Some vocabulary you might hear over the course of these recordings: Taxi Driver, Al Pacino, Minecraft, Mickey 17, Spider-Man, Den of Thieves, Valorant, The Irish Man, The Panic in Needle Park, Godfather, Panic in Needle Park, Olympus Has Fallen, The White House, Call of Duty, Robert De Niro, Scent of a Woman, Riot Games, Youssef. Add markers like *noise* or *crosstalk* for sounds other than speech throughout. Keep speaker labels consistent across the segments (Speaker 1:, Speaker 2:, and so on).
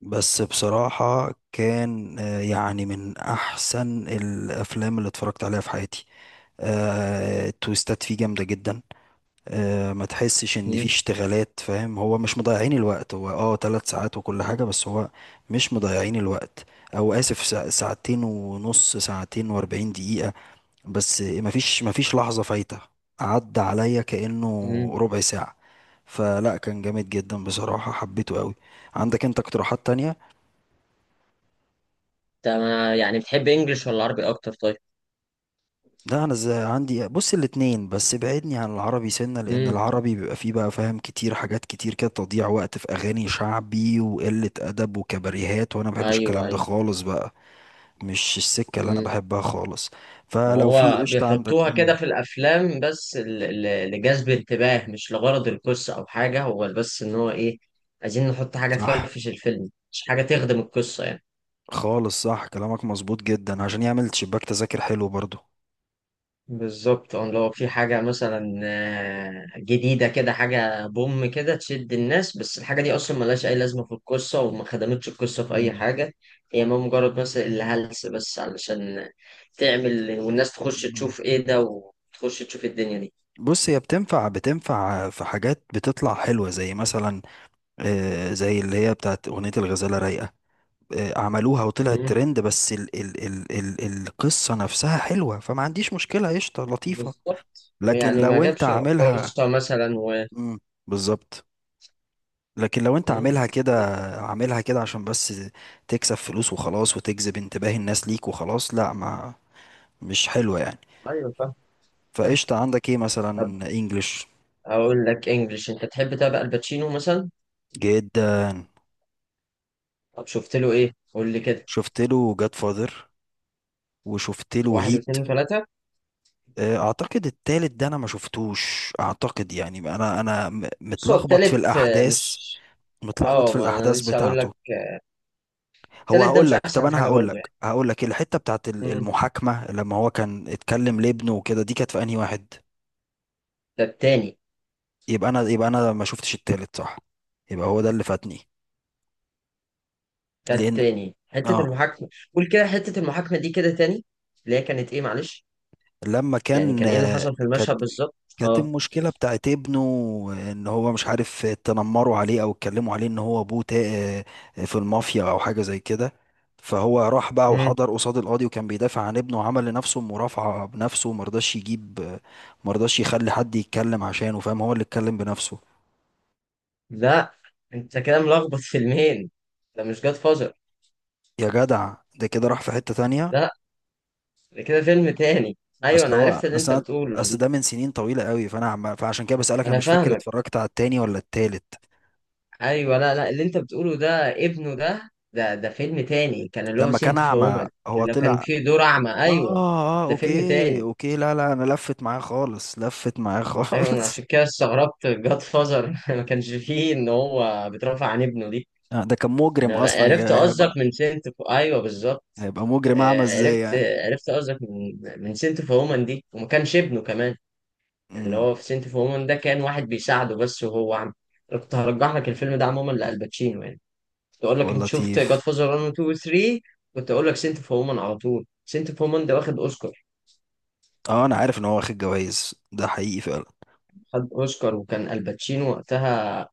Speaker 1: بس بصراحة كان يعني من أحسن الأفلام اللي اتفرجت عليها في حياتي. التويستات فيه جامدة جدا. ما تحسش إن فيه
Speaker 2: مم.
Speaker 1: اشتغالات، فاهم؟ هو مش مضيعين الوقت، هو 3 ساعات وكل حاجة، بس هو مش مضيعين الوقت. أو آسف، ساعتين ونص، ساعتين و40 دقيقة. بس مفيش لحظة فايتة، عدى عليا كأنه
Speaker 2: مم.
Speaker 1: ربع ساعة. فلا كان جامد جدا بصراحة، حبيته قوي. عندك انت اقتراحات تانية؟
Speaker 2: ده يعني بتحب انجلش ولا عربي اكتر، طيب؟
Speaker 1: لا انا ازاي، عندي بص الاتنين، بس بعدني عن العربي سنة، لان
Speaker 2: امم.
Speaker 1: العربي بيبقى فيه بقى، فاهم، كتير حاجات كتير كده تضييع وقت في اغاني شعبي وقلة ادب وكباريهات، وانا ما بحبش
Speaker 2: ايوه
Speaker 1: الكلام ده
Speaker 2: ايوه.
Speaker 1: خالص بقى، مش السكة اللي انا
Speaker 2: امم.
Speaker 1: بحبها خالص.
Speaker 2: ما
Speaker 1: فلو في
Speaker 2: هو
Speaker 1: قشطة عندك.
Speaker 2: بيحطوها كده
Speaker 1: مم،
Speaker 2: في الافلام، بس لجذب انتباه، مش لغرض القصه او حاجه. هو بس ان هو ايه، عايزين نحط حاجه
Speaker 1: صح،
Speaker 2: تفرفش الفيلم مش حاجه تخدم القصه يعني.
Speaker 1: خالص صح، كلامك مظبوط جدا، عشان يعمل شباك تذاكر حلو برضو.
Speaker 2: بالظبط، اه، لو في حاجة مثلا جديدة كده، حاجة بوم كده تشد الناس، بس الحاجة دي أصلا ملهاش أي لازمة في القصة وما خدمتش القصة في أي
Speaker 1: مم،
Speaker 2: حاجة. هي ما مجرد مثلا اللي هلس، بس علشان تعمل والناس تخش
Speaker 1: مم.
Speaker 2: تشوف إيه ده وتخش تشوف الدنيا دي.
Speaker 1: بص، هي بتنفع، بتنفع في حاجات بتطلع حلوة، زي مثلا زي اللي هي بتاعت أغنية الغزالة رايقة. عملوها وطلعت
Speaker 2: مم.
Speaker 1: ترند، بس ال القصة نفسها حلوة، فما عنديش مشكلة، قشطة لطيفة.
Speaker 2: بالظبط،
Speaker 1: لكن
Speaker 2: يعني ما
Speaker 1: لو انت
Speaker 2: جابش
Speaker 1: عاملها.
Speaker 2: رقاصة مثلا و...
Speaker 1: مم، بالظبط. لكن لو انت
Speaker 2: مم.
Speaker 1: عاملها كده، عاملها كده عشان بس تكسب فلوس وخلاص، وتجذب انتباه الناس ليك وخلاص، لا، ما مش حلوة يعني.
Speaker 2: أيوة فاهم. فاهم.
Speaker 1: فقشطة، عندك ايه مثلا؟
Speaker 2: طب
Speaker 1: انجلش.
Speaker 2: أقول لك إنجلش. أنت تحب تابع الباتشينو مثلا؟
Speaker 1: جدا.
Speaker 2: طب شفت له إيه؟ قول لي كده.
Speaker 1: شفت له جاد فاذر، وشفت له
Speaker 2: واحد
Speaker 1: هيت.
Speaker 2: واثنين وثلاثة.
Speaker 1: اعتقد التالت ده انا ما شفتوش، اعتقد يعني، انا
Speaker 2: بص، هو
Speaker 1: متلخبط في
Speaker 2: التالت
Speaker 1: الاحداث،
Speaker 2: مش...
Speaker 1: متلخبط
Speaker 2: اه
Speaker 1: في
Speaker 2: ما انا
Speaker 1: الاحداث
Speaker 2: لسه هقول
Speaker 1: بتاعته.
Speaker 2: لك. التالت ده
Speaker 1: هقول
Speaker 2: مش
Speaker 1: لك، طب
Speaker 2: احسن
Speaker 1: انا
Speaker 2: حاجه
Speaker 1: هقول
Speaker 2: برضو
Speaker 1: لك،
Speaker 2: يعني.
Speaker 1: هقول لك الحته بتاعت
Speaker 2: مم.
Speaker 1: المحاكمه، لما هو كان اتكلم لابنه وكده، دي كانت في انهي واحد؟
Speaker 2: ده التاني.
Speaker 1: يبقى انا ما شفتش التالت، صح؟ يبقى هو ده اللي فاتني.
Speaker 2: ده
Speaker 1: لان
Speaker 2: التاني، حته
Speaker 1: اه
Speaker 2: المحاكمه. قول كده، حته المحاكمه دي كده تاني. اللي هي كانت ايه، معلش؟
Speaker 1: لما
Speaker 2: يعني
Speaker 1: كان
Speaker 2: كان ايه اللي حصل في
Speaker 1: كانت،
Speaker 2: المشهد بالظبط؟
Speaker 1: كانت
Speaker 2: اه.
Speaker 1: المشكلة بتاعت ابنه، ان هو مش عارف، تنمروا عليه او اتكلموا عليه ان هو ابوه في المافيا او حاجة زي كده. فهو راح بقى
Speaker 2: مم.
Speaker 1: وحضر قصاد القاضي، وكان بيدافع عن ابنه وعمل لنفسه مرافعة بنفسه، ومرضاش يجيب، مرضاش يخلي حد يتكلم عشانه، فاهم؟ هو اللي اتكلم بنفسه.
Speaker 2: لا، انت كده ملخبط فيلمين. ده مش جاد فازر.
Speaker 1: يا جدع ده كده راح في حتة تانية.
Speaker 2: لا، ده كده فيلم تاني. ايوه
Speaker 1: اصل
Speaker 2: انا
Speaker 1: هو
Speaker 2: عرفت اللي انت
Speaker 1: اصل أنا-
Speaker 2: بتقوله.
Speaker 1: اصل ده من سنين طويلة قوي، فانا فعشان كده بسألك، انا
Speaker 2: انا
Speaker 1: مش فاكر
Speaker 2: فاهمك.
Speaker 1: اتفرجت على التاني ولا التالت.
Speaker 2: ايوه، لا لا، اللي انت بتقوله ده ابنه، ده فيلم تاني، كان اللي هو
Speaker 1: لما كان
Speaker 2: سنت في
Speaker 1: اعمى
Speaker 2: وومن.
Speaker 1: هو
Speaker 2: اللي كان
Speaker 1: طلع.
Speaker 2: فيه دور اعمى،
Speaker 1: اه
Speaker 2: ايوه.
Speaker 1: اه،
Speaker 2: ده فيلم
Speaker 1: اوكي
Speaker 2: تاني.
Speaker 1: اوكي لا انا لفت معاه خالص، لفت معاه *laughs*
Speaker 2: ايوه، انا
Speaker 1: خالص.
Speaker 2: عشان كده استغربت جاد فازر *laughs* ما كانش فيه ان هو بيترافع عن ابنه دي.
Speaker 1: ده كان مجرم
Speaker 2: انا
Speaker 1: اصلا،
Speaker 2: عرفت قصدك
Speaker 1: هيبقى،
Speaker 2: من سنت في... ايوه بالظبط.
Speaker 1: هيبقى مجرم اعمى ازاي
Speaker 2: عرفت
Speaker 1: يعني.
Speaker 2: عرفت قصدك من سنت في وومن دي، وما كانش ابنه كمان. اللي
Speaker 1: امم
Speaker 2: هو في سنت في وومن ده كان واحد بيساعده بس، وهو عم... كنت هرجح لك الفيلم ده عموما لألباتشينو يعني. تقول لك
Speaker 1: هو
Speaker 2: انت شفت
Speaker 1: لطيف.
Speaker 2: جاد فازر 1 و 2 و 3، كنت اقول لك سنت اوف وومن على طول. سنت اوف وومن ده واخد اوسكار.
Speaker 1: اه انا عارف ان هو واخد جوائز، ده حقيقي فعلا.
Speaker 2: خد اوسكار، وكان الباتشينو وقتها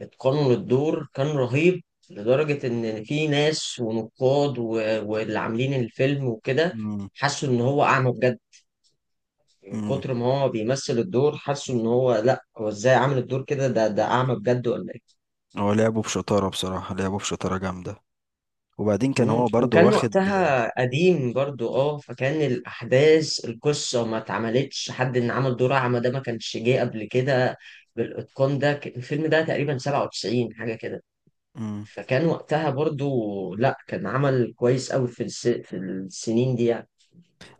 Speaker 2: اتقنوا للدور، كان رهيب، لدرجة ان في ناس ونقاد واللي عاملين الفيلم وكده
Speaker 1: امم
Speaker 2: حسوا ان هو اعمى بجد، من
Speaker 1: امم
Speaker 2: كتر ما هو بيمثل الدور. حسوا ان هو، لا، هو ازاي عامل الدور كده؟ ده اعمى بجد ولا...
Speaker 1: هو لعبه بشطارة بصراحة، لعبه بشطارة جامدة. وبعدين كان
Speaker 2: مم.
Speaker 1: هو برضو
Speaker 2: وكان
Speaker 1: واخد.
Speaker 2: وقتها قديم برضو، اه، فكان الأحداث، القصة ما اتعملتش، حد إن عمل دور أعمى ده ما كانش جه قبل كده بالإتقان ده. الفيلم ده تقريبا 97 حاجة كده،
Speaker 1: مم.
Speaker 2: فكان وقتها برضو، لا، كان عمل كويس أوي في في السنين دي يعني.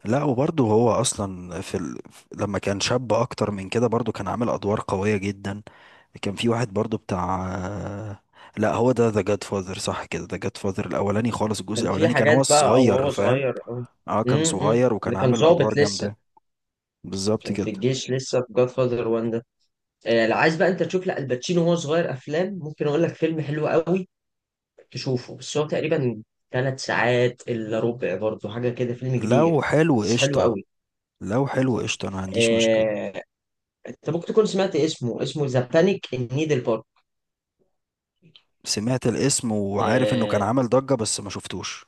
Speaker 1: لا، وبرضه هو اصلا في ال... لما كان شاب اكتر من كده، برضه كان عامل ادوار قوية جدا. كان في واحد برضه بتاع، لا هو ده ذا جاد فاذر، صح كده، ذا جاد فاذر الاولاني خالص، الجزء
Speaker 2: كان في
Speaker 1: الاولاني كان
Speaker 2: حاجات
Speaker 1: هو
Speaker 2: بقى، أو
Speaker 1: الصغير،
Speaker 2: هو
Speaker 1: فاهم؟
Speaker 2: صغير أو...
Speaker 1: اه كان
Speaker 2: امم.
Speaker 1: صغير، وكان
Speaker 2: اللي كان
Speaker 1: عامل
Speaker 2: ظابط
Speaker 1: ادوار
Speaker 2: لسه،
Speaker 1: جامدة. بالظبط
Speaker 2: كان في
Speaker 1: كده.
Speaker 2: الجيش لسه في جاد فاذر 1 ده. لو عايز بقى انت تشوف لا الباتشينو وهو صغير، افلام، ممكن اقول لك فيلم حلو قوي تشوفه. بس هو تقريبا ثلاث ساعات الا ربع برضه حاجه كده، فيلم كبير،
Speaker 1: لو حلو
Speaker 2: بس حلو
Speaker 1: قشطة،
Speaker 2: قوي.
Speaker 1: لو حلو قشطة انا ما عنديش مشكلة.
Speaker 2: آه، انت ممكن تكون سمعت اسمه ذا بانيك ان نيدل
Speaker 1: سمعت الاسم وعارف انه كان
Speaker 2: بارك.
Speaker 1: عامل ضجة بس ما شفتوش.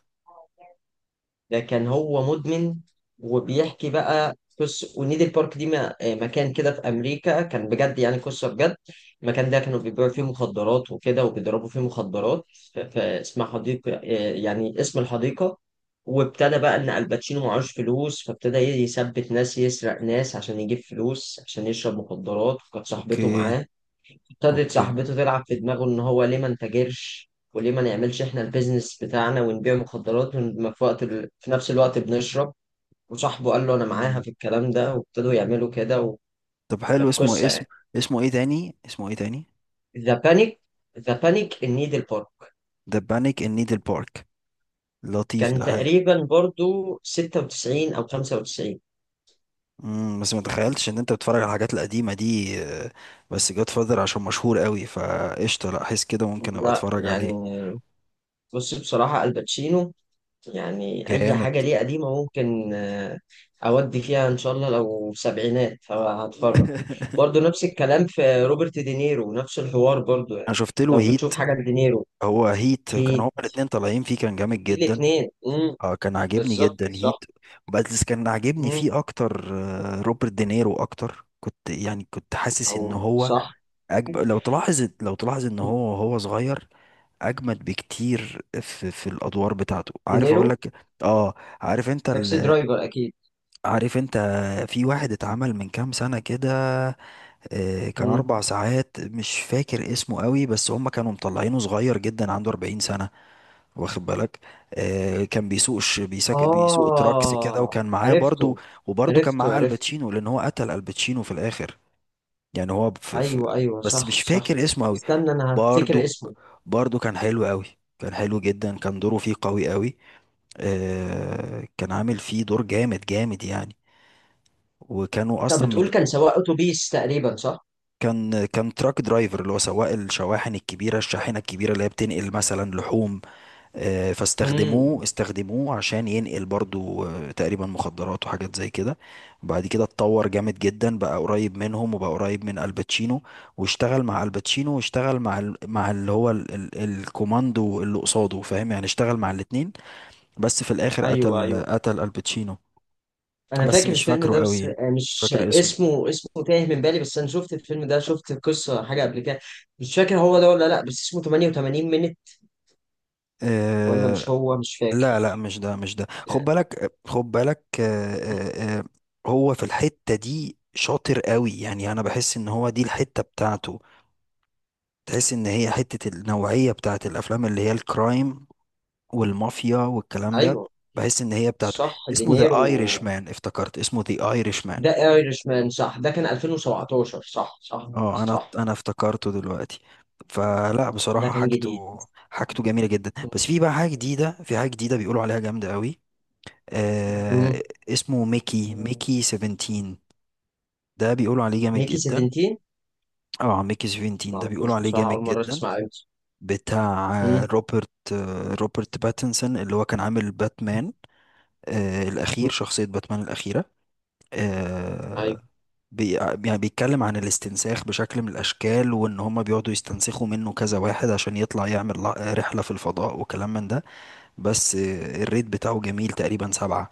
Speaker 2: ده كان هو مدمن، وبيحكي بقى قصة. ونيدل بارك دي مكان كده في أمريكا، كان بجد يعني، قصة بجد. المكان ده كانوا بيبيعوا فيه مخدرات وكده، وبيضربوا فيه مخدرات. فاسمها حديقة، يعني اسم الحديقة. وابتدى بقى إن الباتشينو معهوش فلوس، فابتدى يثبت ناس، يسرق ناس عشان يجيب فلوس عشان يشرب مخدرات، وكانت صاحبته
Speaker 1: اوكي
Speaker 2: معاه. ابتدت
Speaker 1: اوكي
Speaker 2: صاحبته تلعب في دماغه ان هو ليه ما نتاجرش، وليه ما نعملش احنا البيزنس بتاعنا ونبيع مخدرات، في وقت في نفس الوقت بنشرب. وصاحبه قال له انا معاها
Speaker 1: مم.
Speaker 2: في الكلام ده، وابتدوا يعملوا كده.
Speaker 1: طب حلو،
Speaker 2: وكانت
Speaker 1: اسمه
Speaker 2: قصه
Speaker 1: اسم،
Speaker 2: يعني.
Speaker 1: اسمه ايه تاني، اسمه ايه تاني؟
Speaker 2: ذا بانيك. ذا بانيك ان نيدل بارك.
Speaker 1: The Panic in Needle Park. لطيف
Speaker 2: كان
Speaker 1: ده، حلو.
Speaker 2: تقريبا برضو 96 او 95.
Speaker 1: بس ما تخيلتش ان انت بتتفرج على الحاجات القديمه دي. بس جاد فاذر عشان مشهور قوي، فقشطه، لا حس كده ممكن ابقى
Speaker 2: لا
Speaker 1: اتفرج
Speaker 2: يعني،
Speaker 1: عليه.
Speaker 2: بص، بصراحه الباتشينو، يعني أي
Speaker 1: جامد.
Speaker 2: حاجة ليه قديمة ممكن أودي فيها إن شاء الله. لو سبعينات فهتفرج. برضه
Speaker 1: *laughs*
Speaker 2: نفس الكلام في روبرت دينيرو، نفس الحوار برضه يعني.
Speaker 1: انا شفت له
Speaker 2: لو
Speaker 1: هيت.
Speaker 2: بتشوف حاجة لدينيرو.
Speaker 1: هو هيت كان
Speaker 2: هي
Speaker 1: هما الاتنين طالعين فيه، كان جامد
Speaker 2: في
Speaker 1: جدا.
Speaker 2: الاتنين
Speaker 1: اه كان عاجبني
Speaker 2: بالظبط
Speaker 1: جدا
Speaker 2: صح.
Speaker 1: هيت. بس كان عاجبني
Speaker 2: مم،
Speaker 1: فيه اكتر روبرت دينيرو اكتر، كنت يعني كنت حاسس ان
Speaker 2: أو
Speaker 1: هو
Speaker 2: صح.
Speaker 1: لو تلاحظ، لو تلاحظ ان هو، هو صغير اجمد بكتير في الادوار بتاعته، عارف اقول
Speaker 2: دينيرو،
Speaker 1: لك؟ اه. عارف انت
Speaker 2: تاكسي
Speaker 1: ال...
Speaker 2: درايفر أكيد.
Speaker 1: عارف انت، في واحد اتعمل من كام سنه كده، كان
Speaker 2: مم.
Speaker 1: 4 ساعات، مش فاكر اسمه قوي، بس هم كانوا مطلعينه صغير جدا، عنده 40 سنه، واخد بالك؟ كان بيسوق بيسوق تراكس كده،
Speaker 2: آه
Speaker 1: وكان معاه برضو،
Speaker 2: عرفته.
Speaker 1: وبرضو كان
Speaker 2: عرفته
Speaker 1: معاه
Speaker 2: عرفته
Speaker 1: الباتشينو، لان هو قتل الباتشينو في الاخر. يعني هو في... في...
Speaker 2: أيوه أيوه،
Speaker 1: بس
Speaker 2: صح
Speaker 1: مش
Speaker 2: صح.
Speaker 1: فاكر اسمه قوي.
Speaker 2: استنى أنا هفتكر
Speaker 1: برضو،
Speaker 2: اسمه.
Speaker 1: برضو كان حلو قوي. كان حلو جدا، كان دوره فيه قوي قوي. آه كان عامل فيه دور جامد جامد يعني. وكانوا
Speaker 2: طب
Speaker 1: اصلا مج...
Speaker 2: بتقول كان سواق أتوبيس تقريبا، صح؟
Speaker 1: كان، كان تراك درايفر، اللي هو سواق الشواحن الكبيره، الشاحنه الكبيره اللي هي بتنقل مثلا لحوم.
Speaker 2: امم،
Speaker 1: فاستخدموه، استخدموه عشان ينقل برضو تقريبا مخدرات وحاجات زي كده. وبعد كده اتطور جامد جدا، بقى قريب منهم وبقى قريب من الباتشينو، واشتغل مع الباتشينو واشتغل مع ال... مع اللي هو ال... ال... الكوماندو اللي قصاده، فاهم؟ يعني اشتغل مع الاتنين، بس في الاخر
Speaker 2: ايوه
Speaker 1: قتل،
Speaker 2: ايوه.
Speaker 1: قتل الباتشينو.
Speaker 2: انا
Speaker 1: بس
Speaker 2: فاكر
Speaker 1: مش
Speaker 2: الفيلم
Speaker 1: فاكره
Speaker 2: ده، بس
Speaker 1: قوي، مش
Speaker 2: مش
Speaker 1: فاكر اسمه.
Speaker 2: اسمه تايه من بالي. بس انا شفت الفيلم ده، شفت القصه حاجه قبل كده. مش فاكر هو ده ولا لا، بس اسمه 88 مينت، ولا
Speaker 1: آه،
Speaker 2: مش هو، مش
Speaker 1: لا
Speaker 2: فاكر.
Speaker 1: لا مش ده، مش ده، خد
Speaker 2: آه،
Speaker 1: بالك، خد بالك،
Speaker 2: مم.
Speaker 1: هو في الحتة دي شاطر قوي يعني، انا بحس ان هو دي الحتة بتاعته. تحس ان هي حتة، النوعية بتاعت الافلام اللي هي الكرايم والمافيا والكلام ده،
Speaker 2: ايوه
Speaker 1: بحس ان هي بتاعته.
Speaker 2: صح،
Speaker 1: اسمه ذا
Speaker 2: دينيرو،
Speaker 1: ايرش مان، افتكرت اسمه ذا ايرش مان.
Speaker 2: ده ايرش مان صح، ده كان 2017، صح صح
Speaker 1: اه انا
Speaker 2: صح.
Speaker 1: انا افتكرته دلوقتي. فلا
Speaker 2: ده
Speaker 1: بصراحة
Speaker 2: كان جديد.
Speaker 1: حاجته، حاجته جميلة جدا. بس في بقى حاجة جديدة، في حاجة جديدة بيقولوا عليها جامدة قوي
Speaker 2: مم.
Speaker 1: آه، اسمه ميكي، ميكي 17، ده بيقولوا عليه جامد
Speaker 2: ميكي
Speaker 1: جدا.
Speaker 2: 17،
Speaker 1: اه، ميكي 17
Speaker 2: ما
Speaker 1: ده بيقولوا
Speaker 2: اعرفوش
Speaker 1: عليه
Speaker 2: بصراحه،
Speaker 1: جامد
Speaker 2: اول مره
Speaker 1: جدا.
Speaker 2: اسمع عنه.
Speaker 1: بتاع
Speaker 2: مم.
Speaker 1: روبرت، روبرت باتنسون اللي هو كان عامل باتمان. آه
Speaker 2: مم.
Speaker 1: الأخير، شخصية باتمان الأخيرة.
Speaker 2: ايوه.
Speaker 1: آه. بي يعني بيتكلم عن الاستنساخ بشكل من الأشكال، وإن هما بيقعدوا يستنسخوا منه كذا واحد عشان يطلع يعمل رحلة في الفضاء وكلام من ده. بس الريت بتاعه جميل تقريبا 7،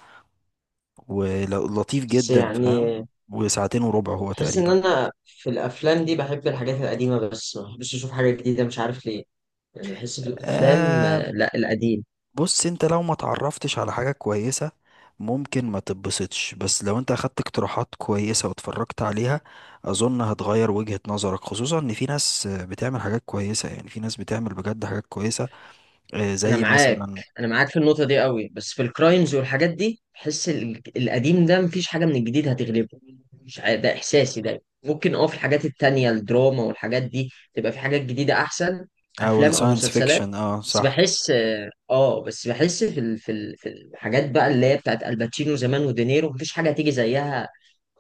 Speaker 1: ولطيف
Speaker 2: بس
Speaker 1: جدا، فاهم؟
Speaker 2: يعني
Speaker 1: وساعتين وربع هو
Speaker 2: بحس ان
Speaker 1: تقريبا.
Speaker 2: انا في الافلام دي بحب الحاجات القديمه، بس ما بحبش اشوف حاجه جديده، مش عارف ليه. يعني بحس في الافلام
Speaker 1: آه.
Speaker 2: لا القديم.
Speaker 1: بص انت لو ما تعرفتش على حاجة كويسة، ممكن ما تتبسطش. بس لو انت اخدت اقتراحات كويسة واتفرجت عليها، اظن هتغير وجهة نظرك، خصوصا ان في ناس بتعمل حاجات كويسة يعني، في ناس بتعمل بجد حاجات كويسة آه،
Speaker 2: انا
Speaker 1: زي
Speaker 2: معاك.
Speaker 1: مثلا.
Speaker 2: انا معاك في النقطه دي قوي، بس في الكرايمز والحاجات دي بحس القديم ده مفيش حاجه من الجديد هتغلبه. مش عارف، ده احساسي، ده ممكن اه في الحاجات التانية الدراما والحاجات دي تبقى في حاجات جديده احسن،
Speaker 1: او
Speaker 2: افلام او
Speaker 1: الساينس
Speaker 2: مسلسلات.
Speaker 1: فيكشن، اه
Speaker 2: بس
Speaker 1: صح.
Speaker 2: بحس اه آه، بس بحس في في في الحاجات بقى اللي هي بتاعت الباتشينو زمان ودينيرو، مفيش حاجه هتيجي زيها.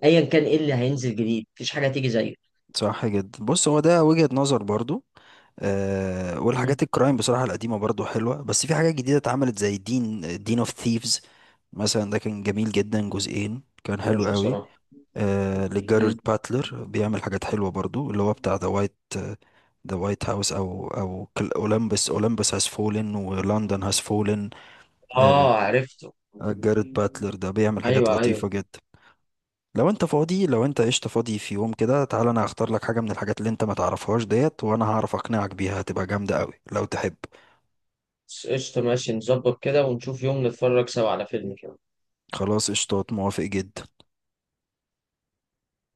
Speaker 2: ايا كان ايه اللي هينزل جديد، مفيش حاجه هتيجي زيه.
Speaker 1: صح جدا، بص هو ده وجهة نظر برضو. آه،
Speaker 2: مم.
Speaker 1: والحاجات الكرايم بصراحة القديمة برضو حلوة، بس في حاجات جديدة اتعملت زي دين اوف ثيفز مثلا، ده كان جميل جدا، جزئين كان
Speaker 2: هو
Speaker 1: حلو
Speaker 2: شو
Speaker 1: قوي.
Speaker 2: بصراحة.
Speaker 1: آه، لجاريد
Speaker 2: مم.
Speaker 1: باتلر، بيعمل حاجات حلوة برضو، اللي هو بتاع ذا وايت، ذا وايت هاوس او او اولمبس، اولمبس هاز فولن، ولندن هاز فولن. آه.
Speaker 2: اه عرفته.
Speaker 1: جاريد باتلر ده بيعمل حاجات
Speaker 2: ايوه ايوه.
Speaker 1: لطيفة جدا. لو انت فاضي، لو انت قشطة فاضي في يوم كده تعالى، انا هختار لك حاجة من الحاجات اللي انت ما تعرفهاش ديت، وانا هعرف اقنعك بيها، هتبقى جامدة قوي لو تحب.
Speaker 2: بس قشطة، ماشي، نظبط كده ونشوف يوم نتفرج سوا على فيلم كده.
Speaker 1: خلاص قشطات، موافق جدا.